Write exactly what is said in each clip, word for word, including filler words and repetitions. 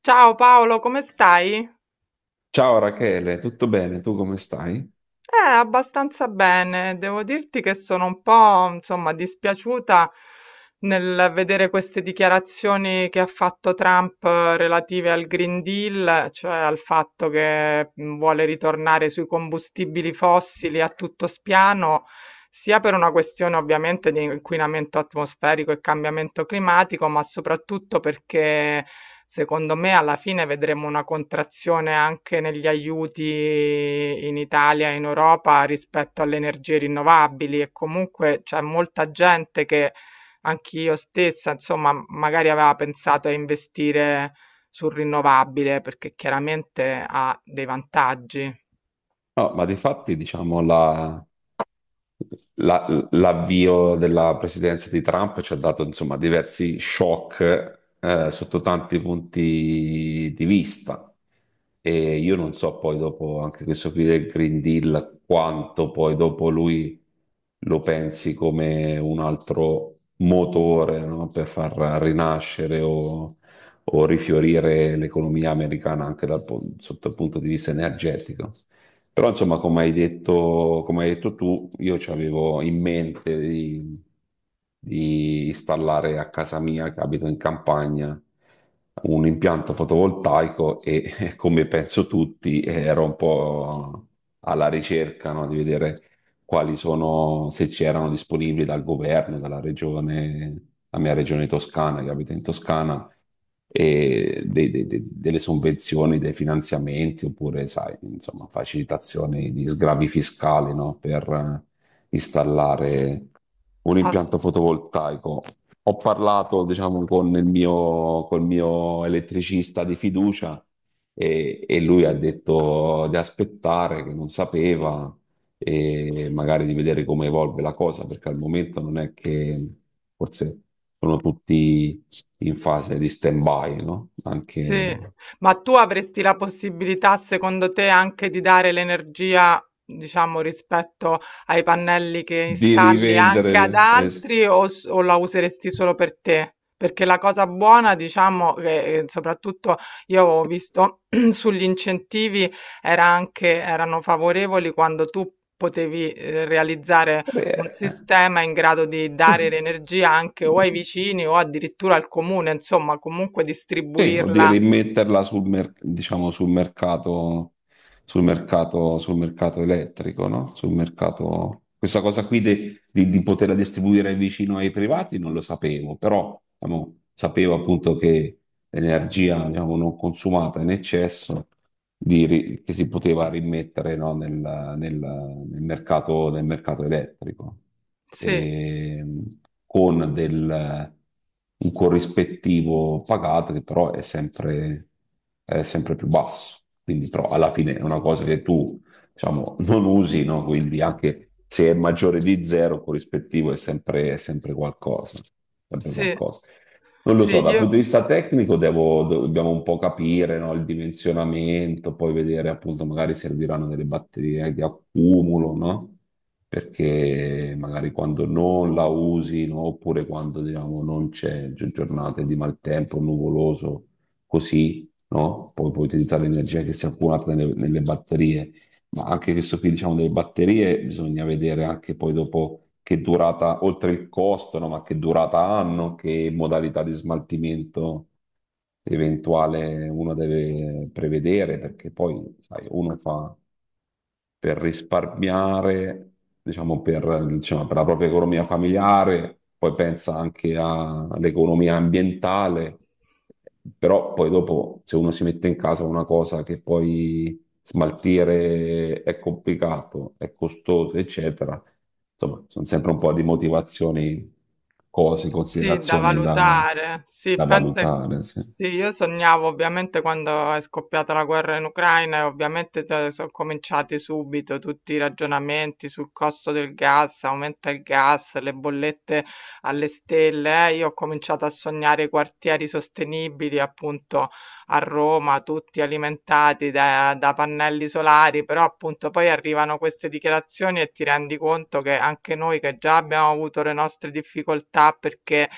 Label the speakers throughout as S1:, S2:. S1: Ciao Paolo, come stai?
S2: Ciao Rachele, tutto bene? Tu come stai?
S1: Eh, abbastanza bene. Devo dirti che sono un po', insomma, dispiaciuta nel vedere queste dichiarazioni che ha fatto Trump eh, relative al Green Deal, cioè al fatto che mh, vuole ritornare sui combustibili fossili a tutto spiano, sia per una questione ovviamente di inquinamento atmosferico e cambiamento climatico, ma soprattutto perché secondo me alla fine vedremo una contrazione anche negli aiuti in Italia e in Europa rispetto alle energie rinnovabili e comunque c'è molta gente che. Anch'io stessa, insomma, m- magari aveva pensato a investire sul rinnovabile perché chiaramente ha dei vantaggi.
S2: No, ma di fatti, diciamo, la, La- l'avvio della presidenza di Trump ci ha dato insomma diversi shock eh, sotto tanti punti di vista. E io non so poi dopo anche questo qui del Green Deal quanto poi dopo lui lo pensi come un altro motore, no? Per far rinascere o, o rifiorire l'economia americana anche dal, pun- sotto il punto di vista energetico. Però insomma, come hai detto, come hai detto tu, io ci avevo in mente di, di installare a casa mia, che abito in campagna, un impianto fotovoltaico e come penso tutti, ero un po' alla ricerca, no, di vedere quali sono, se c'erano disponibili dal governo, dalla regione, la mia regione toscana, che abito in Toscana e dei- dei- dei- delle sovvenzioni, dei finanziamenti oppure, sai, insomma, facilitazioni di sgravi fiscali, no? Per eh, installare un
S1: Ass-
S2: impianto fotovoltaico. Ho parlato, diciamo, con il mio, col mio elettricista di fiducia e, e lui ha detto di aspettare, che non sapeva e magari di vedere come evolve la cosa, perché al momento non è che forse sono tutti in fase di stand-by, no? Anche
S1: Sì, ma tu avresti la possibilità, secondo te, anche di dare l'energia, diciamo, rispetto ai pannelli che
S2: di
S1: installi anche ad
S2: rivendere, eh, s-
S1: altri o, s- o la useresti solo per te? Perché la cosa buona, diciamo, che eh, soprattutto io ho visto sugli incentivi era anche, erano favorevoli quando tu potevi eh, realizzare un
S2: eh,
S1: sistema in grado di dare l'energia anche o ai vicini o addirittura al comune, insomma, comunque
S2: sì, o di
S1: distribuirla.
S2: rimetterla sul, mer- diciamo, sul mercato, sul mercato, sul mercato elettrico, no? Sul mercato. Questa cosa qui de- di, di poterla distribuire vicino ai privati non lo sapevo, però diciamo, sapevo appunto che l'energia diciamo, non consumata in eccesso di ri- che si poteva rimettere no, nel, nel- nel mercato, nel mercato elettrico,
S1: Sì,
S2: e, con del, un corrispettivo pagato che però è sempre, è sempre più basso. Quindi, però, alla fine è una cosa che tu diciamo, non usi, no? Quindi anche se è maggiore di zero, corrispettivo è sempre, è sempre qualcosa, sempre
S1: sì,
S2: qualcosa. Non lo
S1: sì,
S2: so, dal punto
S1: io
S2: di vista tecnico devo- dobbiamo un po' capire, no, il dimensionamento, poi vedere appunto magari serviranno delle batterie di accumulo, no? Perché magari quando non la usi, no, oppure quando diciamo, non c'è gi- giornate di maltempo, nuvoloso, così, no? Poi puoi utilizzare l'energia che si è accumulata nelle, nelle batterie, ma anche questo qui, diciamo, delle batterie, bisogna vedere anche poi dopo che durata, oltre il costo, no? Ma che durata hanno, che modalità di smaltimento eventuale uno deve prevedere, perché poi, sai, uno fa per risparmiare, diciamo, per, diciamo, per la propria economia familiare, poi pensa anche a- all'economia ambientale, però poi dopo se uno si mette in casa una cosa che poi smaltire è complicato, è costoso, eccetera. Insomma, sono sempre un po' di motivazioni, cose,
S1: sì, da
S2: considerazioni da,
S1: valutare. Sì,
S2: da
S1: pensa.
S2: valutare, sì.
S1: Sì, io sognavo ovviamente quando è scoppiata la guerra in Ucraina e ovviamente t- sono cominciati subito tutti i ragionamenti sul costo del gas, aumenta il gas, le bollette alle stelle. eh. Io ho cominciato a sognare quartieri sostenibili, appunto, a Roma, tutti alimentati da, da pannelli solari, però appunto poi arrivano queste dichiarazioni e ti rendi conto che anche noi che già abbiamo avuto le nostre difficoltà perché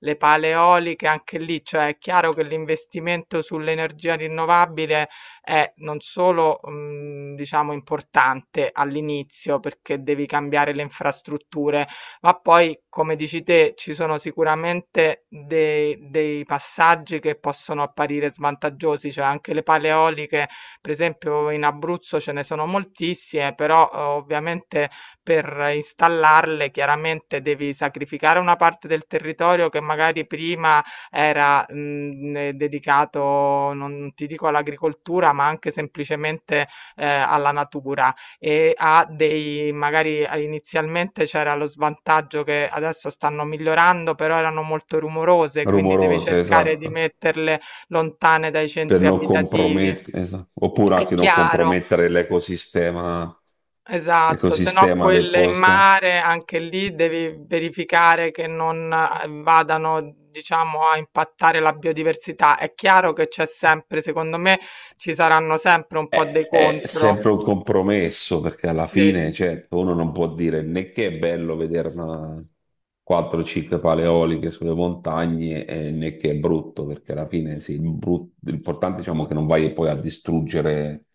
S1: le pale eoliche, anche lì, cioè è chiaro che l'investimento sull'energia rinnovabile è non solo, mh, diciamo, importante all'inizio perché devi cambiare le infrastrutture, ma poi, come dici te, ci sono sicuramente dei, dei passaggi che possono apparire svantaggiosi, cioè anche le pale eoliche, per esempio in Abruzzo ce ne sono moltissime, però eh, ovviamente per installarle chiaramente devi sacrificare una parte del territorio che magari prima era mh, eh, dedicato, non ti dico all'agricoltura, ma anche semplicemente eh, alla natura e ha dei magari a- inizialmente c'era lo svantaggio che adesso stanno migliorando, però erano molto rumorose, quindi devi
S2: Rumorose,
S1: cercare di
S2: esatto,
S1: metterle lontane dai
S2: per
S1: centri
S2: non
S1: abitativi.
S2: compromettere, esatto. Oppure
S1: È
S2: anche non
S1: chiaro,
S2: compromettere l'ecosistema,
S1: esatto, se no
S2: l'ecosistema del
S1: quelle in
S2: posto.
S1: mare anche lì devi verificare che non eh, vadano, diciamo, a impattare la biodiversità. È chiaro che c'è sempre, secondo me, ci saranno sempre un po' dei
S2: È, è
S1: contro.
S2: sempre un compromesso perché alla
S1: Sì.
S2: fine, certo, uno non può dire né che è bello vedere una quattro cinque paleoliche sulle montagne, eh, né che è brutto, perché alla fine sì, il brut- l'importante diciamo che non vai poi a distruggere,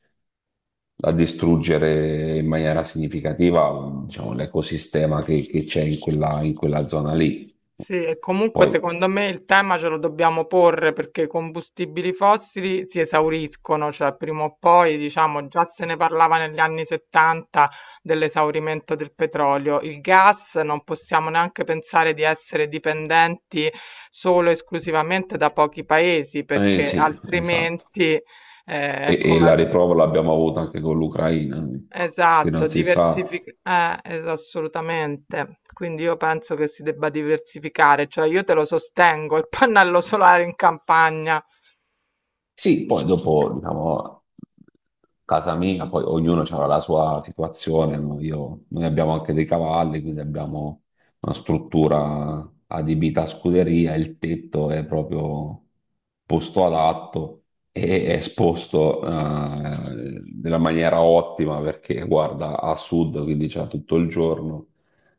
S2: a distruggere in maniera significativa, diciamo, l'ecosistema che che c'è in quella, in quella zona lì.
S1: Sì, e comunque
S2: Poi,
S1: secondo me il tema ce lo dobbiamo porre perché i combustibili fossili si esauriscono, cioè prima o poi, diciamo, già se ne parlava negli anni settanta dell'esaurimento del petrolio. Il gas non possiamo neanche pensare di essere dipendenti solo e esclusivamente da pochi paesi
S2: eh
S1: perché
S2: sì, esatto.
S1: altrimenti eh,
S2: E,
S1: è
S2: e
S1: come... al
S2: la riprova l'abbiamo avuta anche con l'Ucraina, ecco, che
S1: Esatto,
S2: non si sa.
S1: diversific- eh, es- assolutamente. Quindi io penso che si debba diversificare, cioè io te lo sostengo, il pannello solare in campagna.
S2: Sì, poi dopo, diciamo, casa mia, poi ognuno aveva la sua situazione, no? Io- noi abbiamo anche dei cavalli, quindi abbiamo una struttura adibita a scuderia, il tetto è proprio posto adatto e è esposto eh, nella maniera ottima perché guarda a sud, quindi c'è tutto il giorno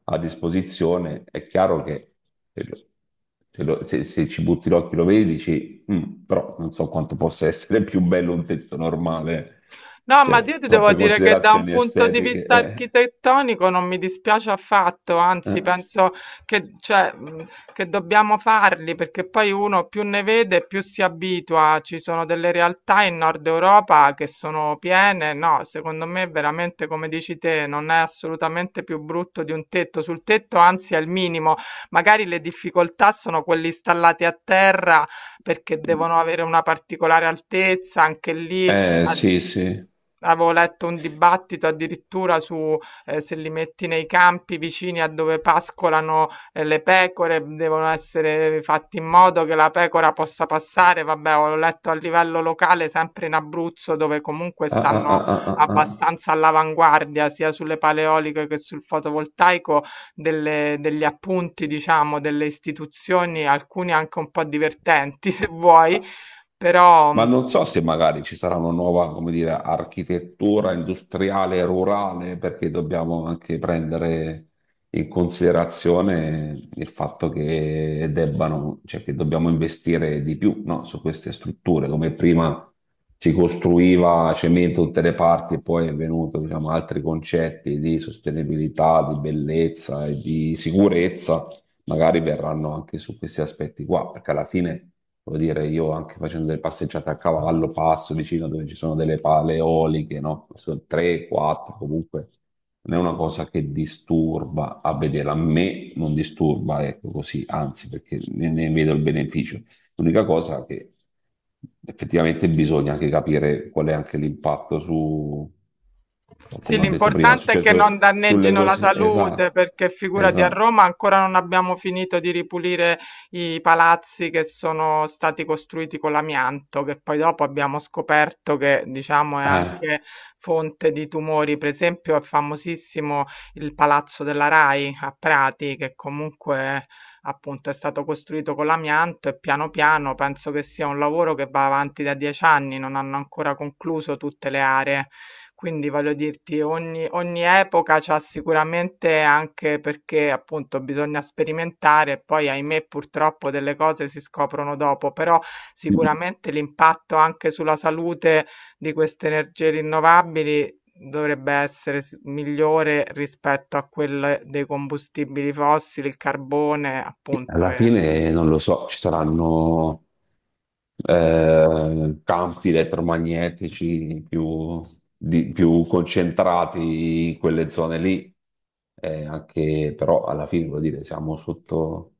S2: a disposizione. È chiaro che se, lo- se lo- se- se ci butti l'occhio lo vedi, dici, mm, però non so quanto possa essere più bello un tetto normale,
S1: No, ma io
S2: cioè
S1: ti devo
S2: troppe
S1: dire che da un
S2: considerazioni
S1: punto di
S2: estetiche.
S1: vista
S2: Eh,
S1: architettonico non mi dispiace affatto, anzi
S2: eh.
S1: penso che, cioè, mh, che dobbiamo farli perché poi uno più ne vede più si abitua. Ci sono delle realtà in Nord Europa che sono piene, no, secondo me veramente come dici te non è assolutamente più brutto di un tetto, sul tetto anzi è il minimo, magari le difficoltà sono quelle installate a terra perché devono avere una particolare altezza, anche lì
S2: Eh,
S1: ad
S2: sì, sì.
S1: avevo letto un dibattito addirittura su, ehm, se li metti nei campi vicini a dove pascolano, ehm, le pecore, devono essere fatti in modo che la pecora possa passare. Vabbè, ho letto a livello locale, sempre in Abruzzo, dove comunque
S2: Ah, ah,
S1: stanno
S2: ah, ah, ah,
S1: abbastanza all'avanguardia, sia sulle paleoliche che sul fotovoltaico, delle degli appunti, diciamo, delle istituzioni, alcuni anche un po' divertenti se vuoi,
S2: ah.
S1: però,
S2: Ma
S1: mhmm
S2: non so se magari ci sarà una nuova, come dire, architettura industriale rurale, perché dobbiamo anche prendere in considerazione il fatto che debbano, cioè che dobbiamo investire di più, no, su queste strutture, come prima si costruiva cemento da tutte le parti e poi è venuto, diciamo, altri concetti di sostenibilità, di bellezza e di sicurezza magari verranno anche su questi aspetti qua, perché alla fine, voglio dire, io anche facendo delle passeggiate a cavallo, passo vicino dove ci sono delle pale eoliche, no? Sono tre, quattro, comunque non è una cosa che disturba a vedere, a me non disturba, ecco così, anzi, perché ne, ne vedo il beneficio. L'unica cosa che effettivamente bisogna anche capire qual è anche l'impatto su,
S1: Sì,
S2: come ho detto prima, è
S1: l'importante è che non
S2: successo sulle
S1: danneggino la
S2: cose,
S1: salute,
S2: esatto,
S1: perché figurati a
S2: esatto.
S1: Roma ancora non abbiamo finito di ripulire i palazzi che sono stati costruiti con l'amianto, che poi dopo abbiamo scoperto che, diciamo, è
S2: Eh.
S1: anche fonte di tumori. Per esempio, è famosissimo il palazzo della Rai a Prati, che comunque appunto è stato costruito con l'amianto e piano piano penso che sia un lavoro che va avanti da dieci anni, non hanno ancora concluso tutte le aree. Quindi voglio dirti, ogni, ogni epoca c'ha sicuramente anche perché appunto bisogna sperimentare e poi ahimè purtroppo delle cose si scoprono dopo, però sicuramente l'impatto anche sulla salute di queste energie rinnovabili dovrebbe essere s- migliore rispetto a quelle dei combustibili fossili, il carbone, appunto.
S2: Alla
S1: E...
S2: fine non lo so, ci saranno eh, campi elettromagnetici più, di- più concentrati in quelle zone lì, eh, anche però alla fine vuol dire siamo sotto,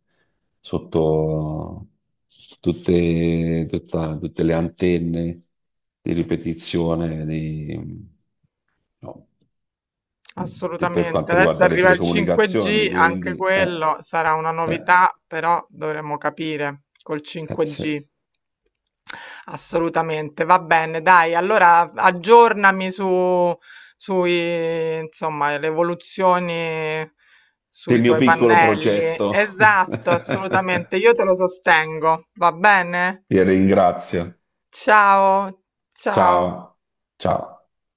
S2: sotto tutte, tutta- tutte le antenne di ripetizione di- no, di- per
S1: Assolutamente.
S2: quanto
S1: Adesso
S2: riguarda le
S1: arriva il
S2: telecomunicazioni,
S1: cinque G, anche
S2: quindi eh,
S1: quello sarà una
S2: eh.
S1: novità, però dovremo capire col
S2: eh, sì.
S1: cinque G. Assolutamente, va bene, dai, allora aggiornami su, sui, insomma, le evoluzioni
S2: Del
S1: sui
S2: mio
S1: tuoi
S2: piccolo
S1: pannelli.
S2: progetto.
S1: Esatto, assolutamente, io te lo sostengo, va bene?
S2: Ti ringrazio.
S1: Ciao, ciao.
S2: Ciao. Ciao.